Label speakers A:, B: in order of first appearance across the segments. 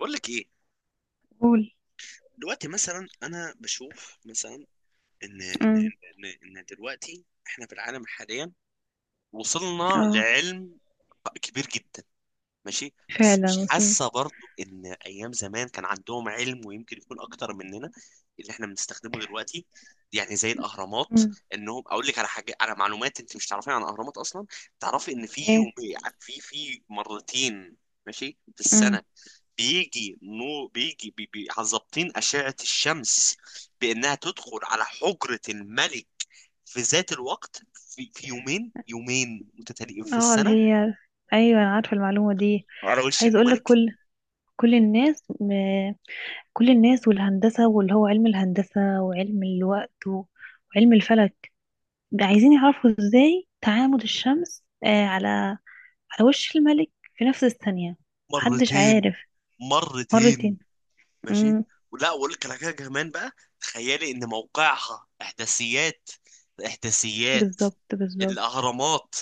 A: بقول لك ايه؟
B: قول.
A: دلوقتي مثلا انا بشوف مثلا. ان ان
B: امم.
A: ان ان إن دلوقتي احنا في العالم حاليا وصلنا
B: اه.
A: لعلم كبير جدا. ماشي. بس
B: فعلا
A: مش
B: وسن.
A: حاسه برضو ان ايام زمان كان عندهم علم ويمكن يكون اكتر مننا اللي احنا بنستخدمه دلوقتي. يعني زي الاهرامات،
B: امم.
A: انهم اقول لك على حاجه، على معلومات انت مش تعرفيها عن الاهرامات اصلا. تعرفي ان في
B: ايه.
A: يوم، في مرتين، ماشي، في
B: امم.
A: السنه، بيجي نو بيجي بي- بي- ظابطين أشعة الشمس بأنها تدخل على حجرة الملك في ذات الوقت، في يومين متتاليين في
B: اه، اللي
A: السنة،
B: هي. ايوه، انا عارفه المعلومه دي.
A: على وش
B: عايز اقول لك،
A: الملك.
B: كل الناس م... كل الناس والهندسه، واللي هو علم الهندسه وعلم الوقت وعلم الفلك. ده عايزين يعرفوا ازاي تعامد الشمس على وش الملك، في نفس الثانيه. محدش
A: مرتين،
B: عارف.
A: مرتين،
B: مرتين.
A: ماشي.
B: امم.
A: وأقول لك على حاجة كمان بقى. تخيلي إن موقعها إحداثيات، إحداثيات
B: بالظبط بالظبط.
A: الأهرامات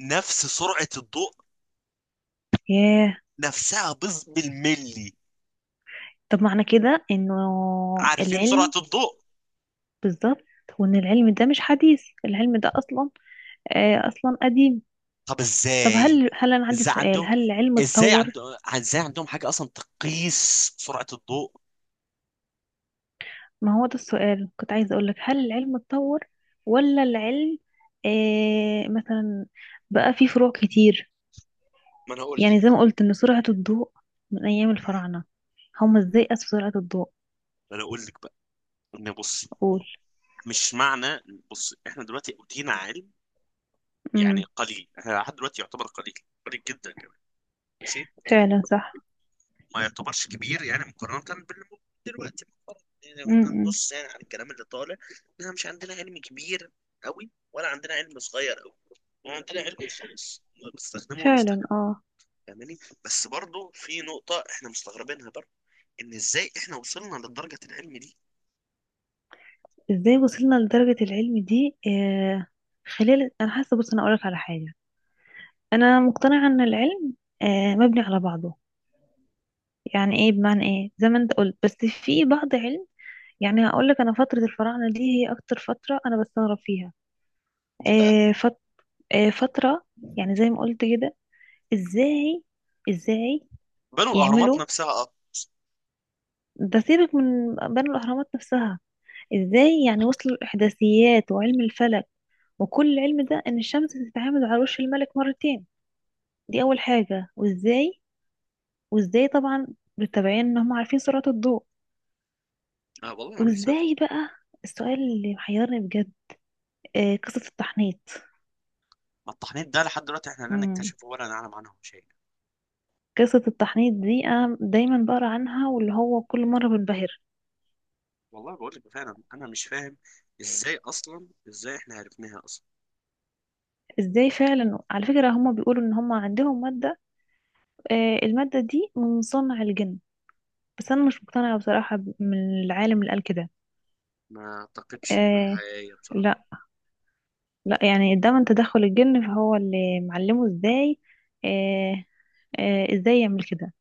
A: نفس سرعة الضوء
B: ياه.
A: نفسها، بالملي.
B: طب، معنى كده انه
A: عارفين سرعة
B: العلم.
A: الضوء.
B: بالظبط. وان العلم ده مش حديث، العلم ده اصلا اصلا قديم.
A: طب
B: طب،
A: ازاي؟
B: هل انا عندي
A: ازاي
B: سؤال:
A: عندهم
B: هل العلم اتطور؟
A: ازاي عندهم حاجه اصلا تقيس سرعه الضوء؟
B: ما هو ده السؤال كنت عايزه اقول لك: هل العلم اتطور ولا العلم مثلا بقى فيه فروع كتير؟
A: ما انا اقول
B: يعني
A: لك
B: زي
A: بقى
B: ما قلت ان سرعة الضوء من ايام الفراعنة، هم ازاي قاسوا سرعة الضوء؟
A: ما انا اقول لك بقى ان بص.
B: قول.
A: مش معنى. بص، احنا دلوقتي اوتينا علم، يعني
B: امم.
A: قليل. احنا لحد دلوقتي يعتبر قليل، قليل جدا كمان. ماشي.
B: فعلا صح.
A: ما يعتبرش كبير يعني مقارنه باللي موجود دلوقتي. مقارنة يعني لو احنا
B: امم.
A: هنبص يعني على الكلام اللي طالع، احنا مش عندنا علم كبير قوي ولا عندنا علم صغير قوي. عندنا علم خلاص، بنستخدمه
B: فعلا
A: ونستخدمه.
B: اه.
A: فاهماني؟ بس برضه في نقطة احنا مستغربينها برضه، ان ازاي احنا وصلنا لدرجة العلم دي.
B: ازاي وصلنا لدرجة العلم دي؟ خلال، انا حاسه، بص انا اقولك على حاجة. انا مقتنعه ان العلم مبني على بعضه. يعني ايه، بمعنى ايه، زي ما انت قلت، بس في بعض علم. يعني هقول لك، انا فتره الفراعنه دي هي اكتر فتره انا بستغرب فيها.
A: دي بقى،
B: آه، فت- فتره، يعني زي ما قلت كده، ازاي ازاي
A: بنوا الاهرامات
B: يعملوا.
A: نفسها، اه.
B: ده سيبك من بنوا الاهرامات نفسها، ازاي يعني وصلوا الاحداثيات وعلم الفلك وكل العلم ده، ان الشمس بتتعامد على وش الملك مرتين. دي اول حاجه. وازاي طبعا بالتبعين ان هم عارفين سرعه الضوء.
A: والله انا نفسي
B: وازاي بقى. السؤال اللي محيرني بجد قصة التحنيط.
A: ما التحنيط ده لحد دلوقتي احنا لا
B: امم.
A: نكتشفه ولا نعلم عنه شيء.
B: قصة التحنيط دي أنا دايما بقرا عنها، واللي هو كل مرة بنبهر.
A: والله بقول لك فعلا انا مش فاهم ازاي اصلا، ازاي احنا عرفناها اصلا.
B: ازاي فعلا. على فكرة هما بيقولوا ان هما عندهم مادة، المادة دي من صنع الجن. بس أنا مش مقتنعة بصراحة من العالم اللي قال كده.
A: ما اعتقدش انها
B: آه.
A: حقيقية بصراحة.
B: لا، لا يعني ده من تدخل الجن، فهو اللي معلمه ازاي. آه. آه، ازاي يعمل كده،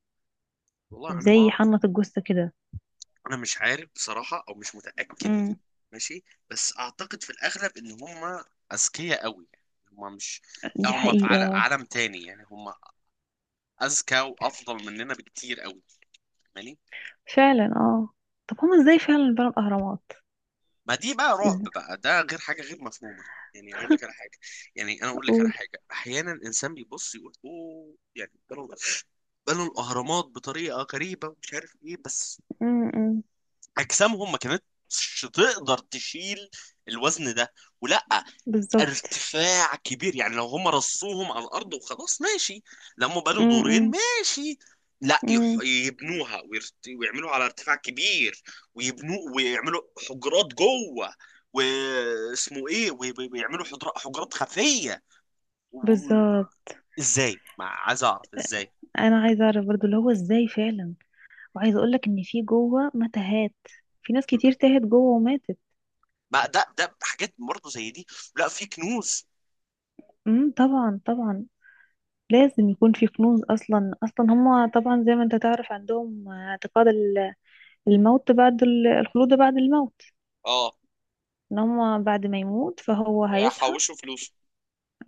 A: والله انا ما
B: ازاي
A: اعرف.
B: يحنط الجثة كده.
A: انا مش عارف بصراحة، او مش متأكد.
B: امم.
A: ماشي. بس اعتقد في الاغلب ان هم اذكياء قوي يعني. هم مش، لا،
B: دي
A: هم في
B: حقيقة.
A: عالم تاني، يعني هم اذكى وافضل مننا بكتير قوي. فاهماني؟
B: فعلا اه. طب هم ازاي فعلا بنوا الاهرامات؟
A: ما دي بقى رعب
B: ازاي؟
A: بقى، ده غير حاجه غير مفهومه. يعني اقول لك على حاجه، يعني انا اقول لك على
B: اقول.
A: حاجه. احيانا الانسان بيبص يقول اوه، يعني بنوا، بنوا الاهرامات بطريقه غريبه ومش عارف ايه، بس
B: امم.
A: اجسامهم ما كانتش تقدر تشيل الوزن ده، ولا
B: بالظبط.
A: ارتفاع كبير. يعني لو هم رصوهم على الارض وخلاص ماشي. لما بنوا دورين
B: امم.
A: ماشي، لا يح-
B: امم.
A: يبنوها ويعملوها على ارتفاع كبير، ويبنوا ويعملوا حجرات جوه، واسمه ايه، ويعملوا حجرات خفيه و... و-
B: بالظبط.
A: ازاي؟ ما عايز اعرف ازاي.
B: انا عايزه اعرف برضو اللي هو ازاي فعلا. وعايزه اقول لك ان في جوه متاهات، في ناس كتير تاهت جوه وماتت.
A: ما ده حاجات برضه زي دي. لا، في كنوز،
B: طبعا طبعا. لازم يكون في كنوز. اصلا اصلا هم طبعا، زي ما انت تعرف، عندهم اعتقاد الموت بعد الخلود بعد الموت.
A: اه،
B: ان هم بعد ما يموت فهو هيصحى.
A: حوشوا فلوس.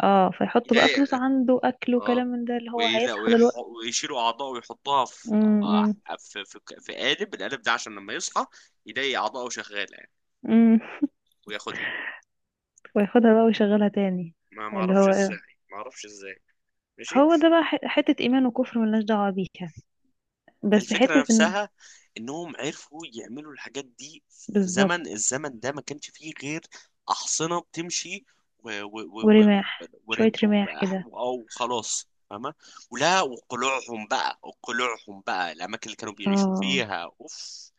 B: اه، فيحطوا بقى
A: ايديا،
B: فلوس عنده اكل
A: اه.
B: وكلام من ده، اللي هو
A: ولا
B: هيصحى دلوقتي.
A: ويشيلوا اعضائه ويحطوها في،
B: امم.
A: في قالب. ده عشان لما يصحى يلاقي اعضائه شغاله، يعني
B: امم.
A: وياخدها.
B: وياخدها بقى ويشغلها تاني.
A: ما
B: اللي
A: اعرفش
B: هو
A: ازاي،
B: إيه؟
A: ما اعرفش ازاي. ماشي.
B: هو ده بقى حتة إيمان وكفر ملناش دعوة بيها. بس
A: الفكره
B: حتة إنه
A: نفسها، انهم عرفوا يعملوا الحاجات دي في زمن،
B: بالظبط.
A: ده ما كانش فيه غير احصنه بتمشي و و و و
B: ورماح، شوية رماح كده.
A: او خلاص، فاهمه. وقلوعهم بقى، الاماكن اللي كانوا بيعيشوا
B: اه.
A: فيها، اوف،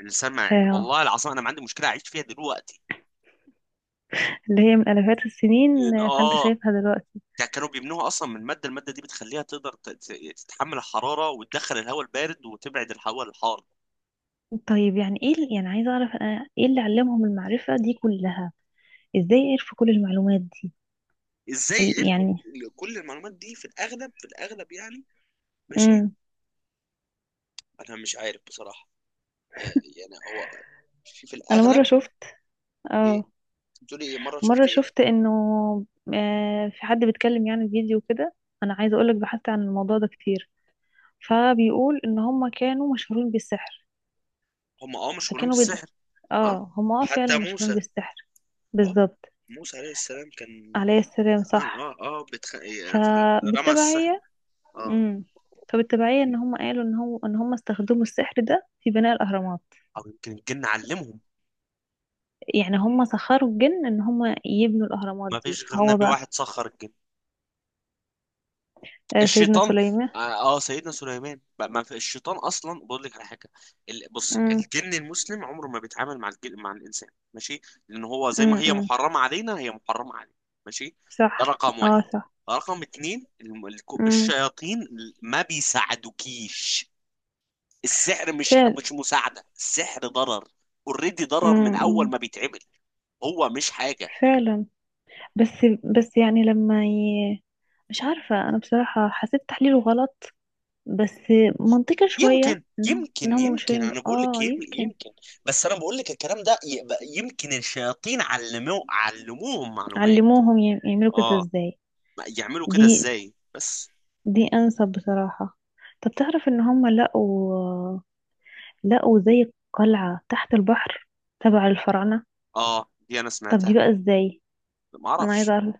A: السمعي،
B: اه،
A: والله العظيم انا ما عندي مشكله اعيش فيها دلوقتي.
B: اللي هي من آلافات السنين،
A: ان
B: فأنت
A: اه،
B: شايفها دلوقتي.
A: ده كانوا بيمنعوا اصلا من ماده، دي بتخليها تقدر تتحمل الحراره وتدخل الهواء البارد وتبعد الهواء الحار.
B: طيب، يعني إيه يعني عايزة أعرف أنا إيه اللي علمهم المعرفة دي كلها؟ إزاي عرفوا كل المعلومات دي؟
A: ازاي عرفوا
B: يعني.
A: كل المعلومات دي؟ في الاغلب، يعني. ماشي.
B: امم.
A: انا مش عارف بصراحه. آه. يعني هو، في
B: أنا
A: الاغلب.
B: مرة شفت.
A: ايه؟
B: اه،
A: بتقولي ايه؟ مره
B: مرة
A: شفت ايه؟
B: شفت انه في حد بيتكلم يعني فيديو كده. انا عايزة اقولك، بحثت عن الموضوع ده كتير، فبيقول ان هم كانوا مشهورين بالسحر.
A: هم اه، مشهورين
B: فكانوا بي...
A: بالسحر، اه.
B: اه، هم اه فعلا
A: حتى
B: مشهورين
A: موسى،
B: بالسحر.
A: اه.
B: بالظبط.
A: موسى عليه السلام كان،
B: عليه السلام،
A: اه
B: صح.
A: اه, آه بتخ... إيه، في- رمى السحر،
B: فبالتبعية.
A: اه.
B: امم. فبالتبعية ان هم قالوا ان هم استخدموا السحر ده في بناء الاهرامات.
A: او يمكن الجن علمهم.
B: يعني هم سخروا الجن ان هم يبنوا الاهرامات
A: ما
B: دي،
A: فيش غير
B: فهو
A: نبي
B: بقى.
A: واحد سخر الجن،
B: آه، سيدنا
A: الشيطان،
B: سليمان.
A: اه. آه، سيدنا سليمان بقى. ما في الشيطان اصلا، بقول لك على حاجه. بص،
B: امم.
A: الجن المسلم عمره ما بيتعامل مع الجن مع الانسان، ماشي. لان هو زي ما هي
B: امم.
A: محرمه علينا، هي محرمه علينا، ماشي. ده
B: صح.
A: رقم
B: اه.
A: واحد. رقم اتنين،
B: صح
A: الشياطين ما بيساعدوكيش. السحر
B: فعلا.
A: مش مساعده، السحر ضرر. اوريدي ضرر من اول
B: أمم.
A: ما بيتعمل. هو مش حاجه.
B: فعلا. بس بس يعني لما ي... مش عارفة أنا بصراحة، حسيت تحليله غلط. بس منطقي شوية إنهم إنهم
A: يمكن،
B: مشهورين ب...
A: انا بقول لك
B: آه يمكن
A: يمكن. بس انا بقول لك الكلام ده يبقى يمكن الشياطين علموهم معلومات،
B: علموهم يعملوا كده
A: اه.
B: إزاي.
A: يعملوا كده
B: دي
A: ازاي بس.
B: دي أنسب بصراحة. طب تعرف إن هم لقوا زي قلعة تحت البحر تبع الفراعنة؟
A: اه، دي انا
B: طب دي
A: سمعتها.
B: بقى إزاي؟
A: ما
B: أنا عايزة
A: اعرفش.
B: أعرف.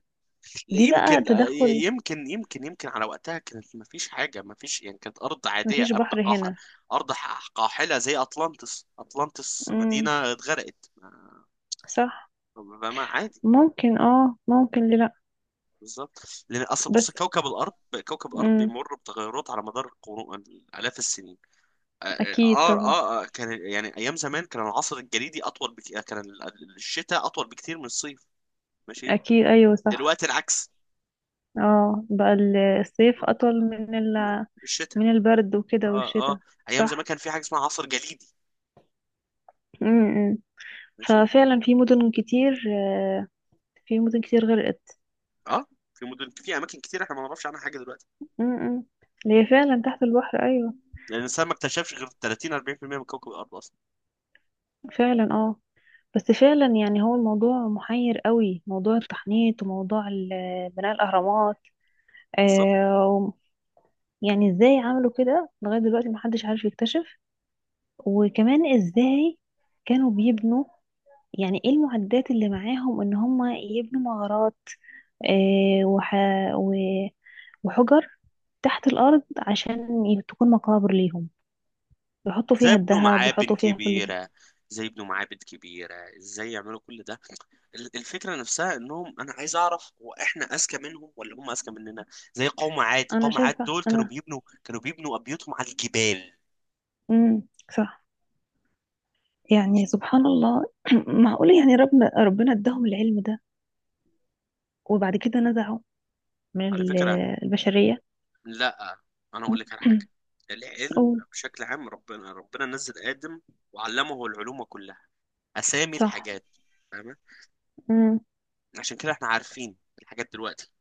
A: لا،
B: دي بقى
A: يمكن،
B: تدخل.
A: يمكن على وقتها كانت ما فيش حاجه، ما فيش يعني، كانت ارض عاديه،
B: مفيش بحر هنا.
A: ارض قاحله. زي اطلانتس،
B: امم.
A: مدينه اتغرقت، ما،
B: صح.
A: عادي.
B: ممكن ليه لأ.
A: بالظبط. لان اصلا
B: بس.
A: بص، كوكب الارض
B: امم.
A: بيمر بتغيرات على مدار قرون، الاف السنين، اه.
B: اكيد طبعا.
A: كان يعني ايام زمان كان العصر الجليدي اطول بك... آه، كان الشتاء اطول بكتير من الصيف. ماشي.
B: اكيد ايوه صح.
A: دلوقتي العكس،
B: اه، بقى الصيف اطول
A: الشتاء.
B: من البرد وكده،
A: اه
B: والشتاء.
A: اه. ايام زمان
B: صح.
A: كان في حاجه اسمها عصر جليدي،
B: امم.
A: ماشي،
B: ففعلا في مدن كتير غرقت.
A: اه. في اماكن كتير احنا ما نعرفش عنها حاجه دلوقتي،
B: امم. اللي هي فعلا تحت البحر، ايوه.
A: لان الانسان ما اكتشفش غير 30 40% من كوكب الارض اصلا.
B: فعلا اه. بس فعلا. يعني هو الموضوع محير قوي، موضوع التحنيط وموضوع بناء الاهرامات.
A: بالظبط.
B: آه، يعني ازاي عملوا كده لغايه دلوقتي محدش عارف يكتشف؟ وكمان ازاي كانوا بيبنوا؟ يعني ايه المعدات اللي معاهم ان هم يبنوا مغارات آه، وح... و... وحجر تحت الارض عشان تكون مقابر ليهم، يحطوا
A: زي
B: فيها
A: ابنوا
B: الذهب
A: معابن
B: ويحطوا فيها كل دي.
A: كبيره زي ابنوا معابد كبيره، ازاي يعملوا كل ده؟ الفكرة نفسها، انهم، انا عايز اعرف هو احنا اذكى منهم ولا هم اذكى مننا. زي
B: انا
A: قوم عاد
B: شايفة
A: دول،
B: انا
A: كانوا بيبنوا ابيوتهم على الجبال.
B: امم. صح. يعني سبحان الله. معقولة يعني ربنا اداهم العلم ده وبعد كده نزعوا من
A: على
B: ال-
A: فكرة،
B: البشرية.
A: لا، انا اقول لك على حاجة، العلم
B: قول.
A: بشكل عام. ربنا، نزل آدم وعلمه العلوم كلها، اسامي
B: صح
A: الحاجات. فاهمة؟ عشان كده احنا عارفين الحاجات دلوقتي،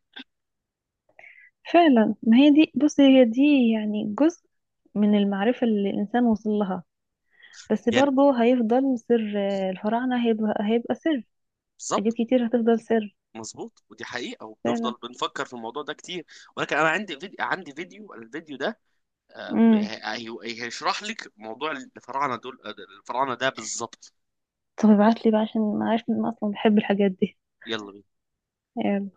B: فعلا. ما هي دي، بص هي دي يعني جزء من المعرفة اللي الإنسان وصل لها. بس
A: يعني.
B: برضه هيفضل سر الفراعنة، هيبقى سر. حاجات
A: بالظبط.
B: كتير هتفضل سر.
A: مظبوط، ودي حقيقة،
B: فعلا.
A: وبنفضل بنفكر في الموضوع ده كتير. ولكن انا عندي فيديو، الفيديو ده، آه،
B: امم.
A: هيشرح لك موضوع الفراعنه دول، آه، الفراعنه ده بالظبط.
B: طب ابعتلي بقى، عشان أنا عارفة إن أنا أصلا بحب الحاجات دي.
A: يلا بينا.
B: يلا.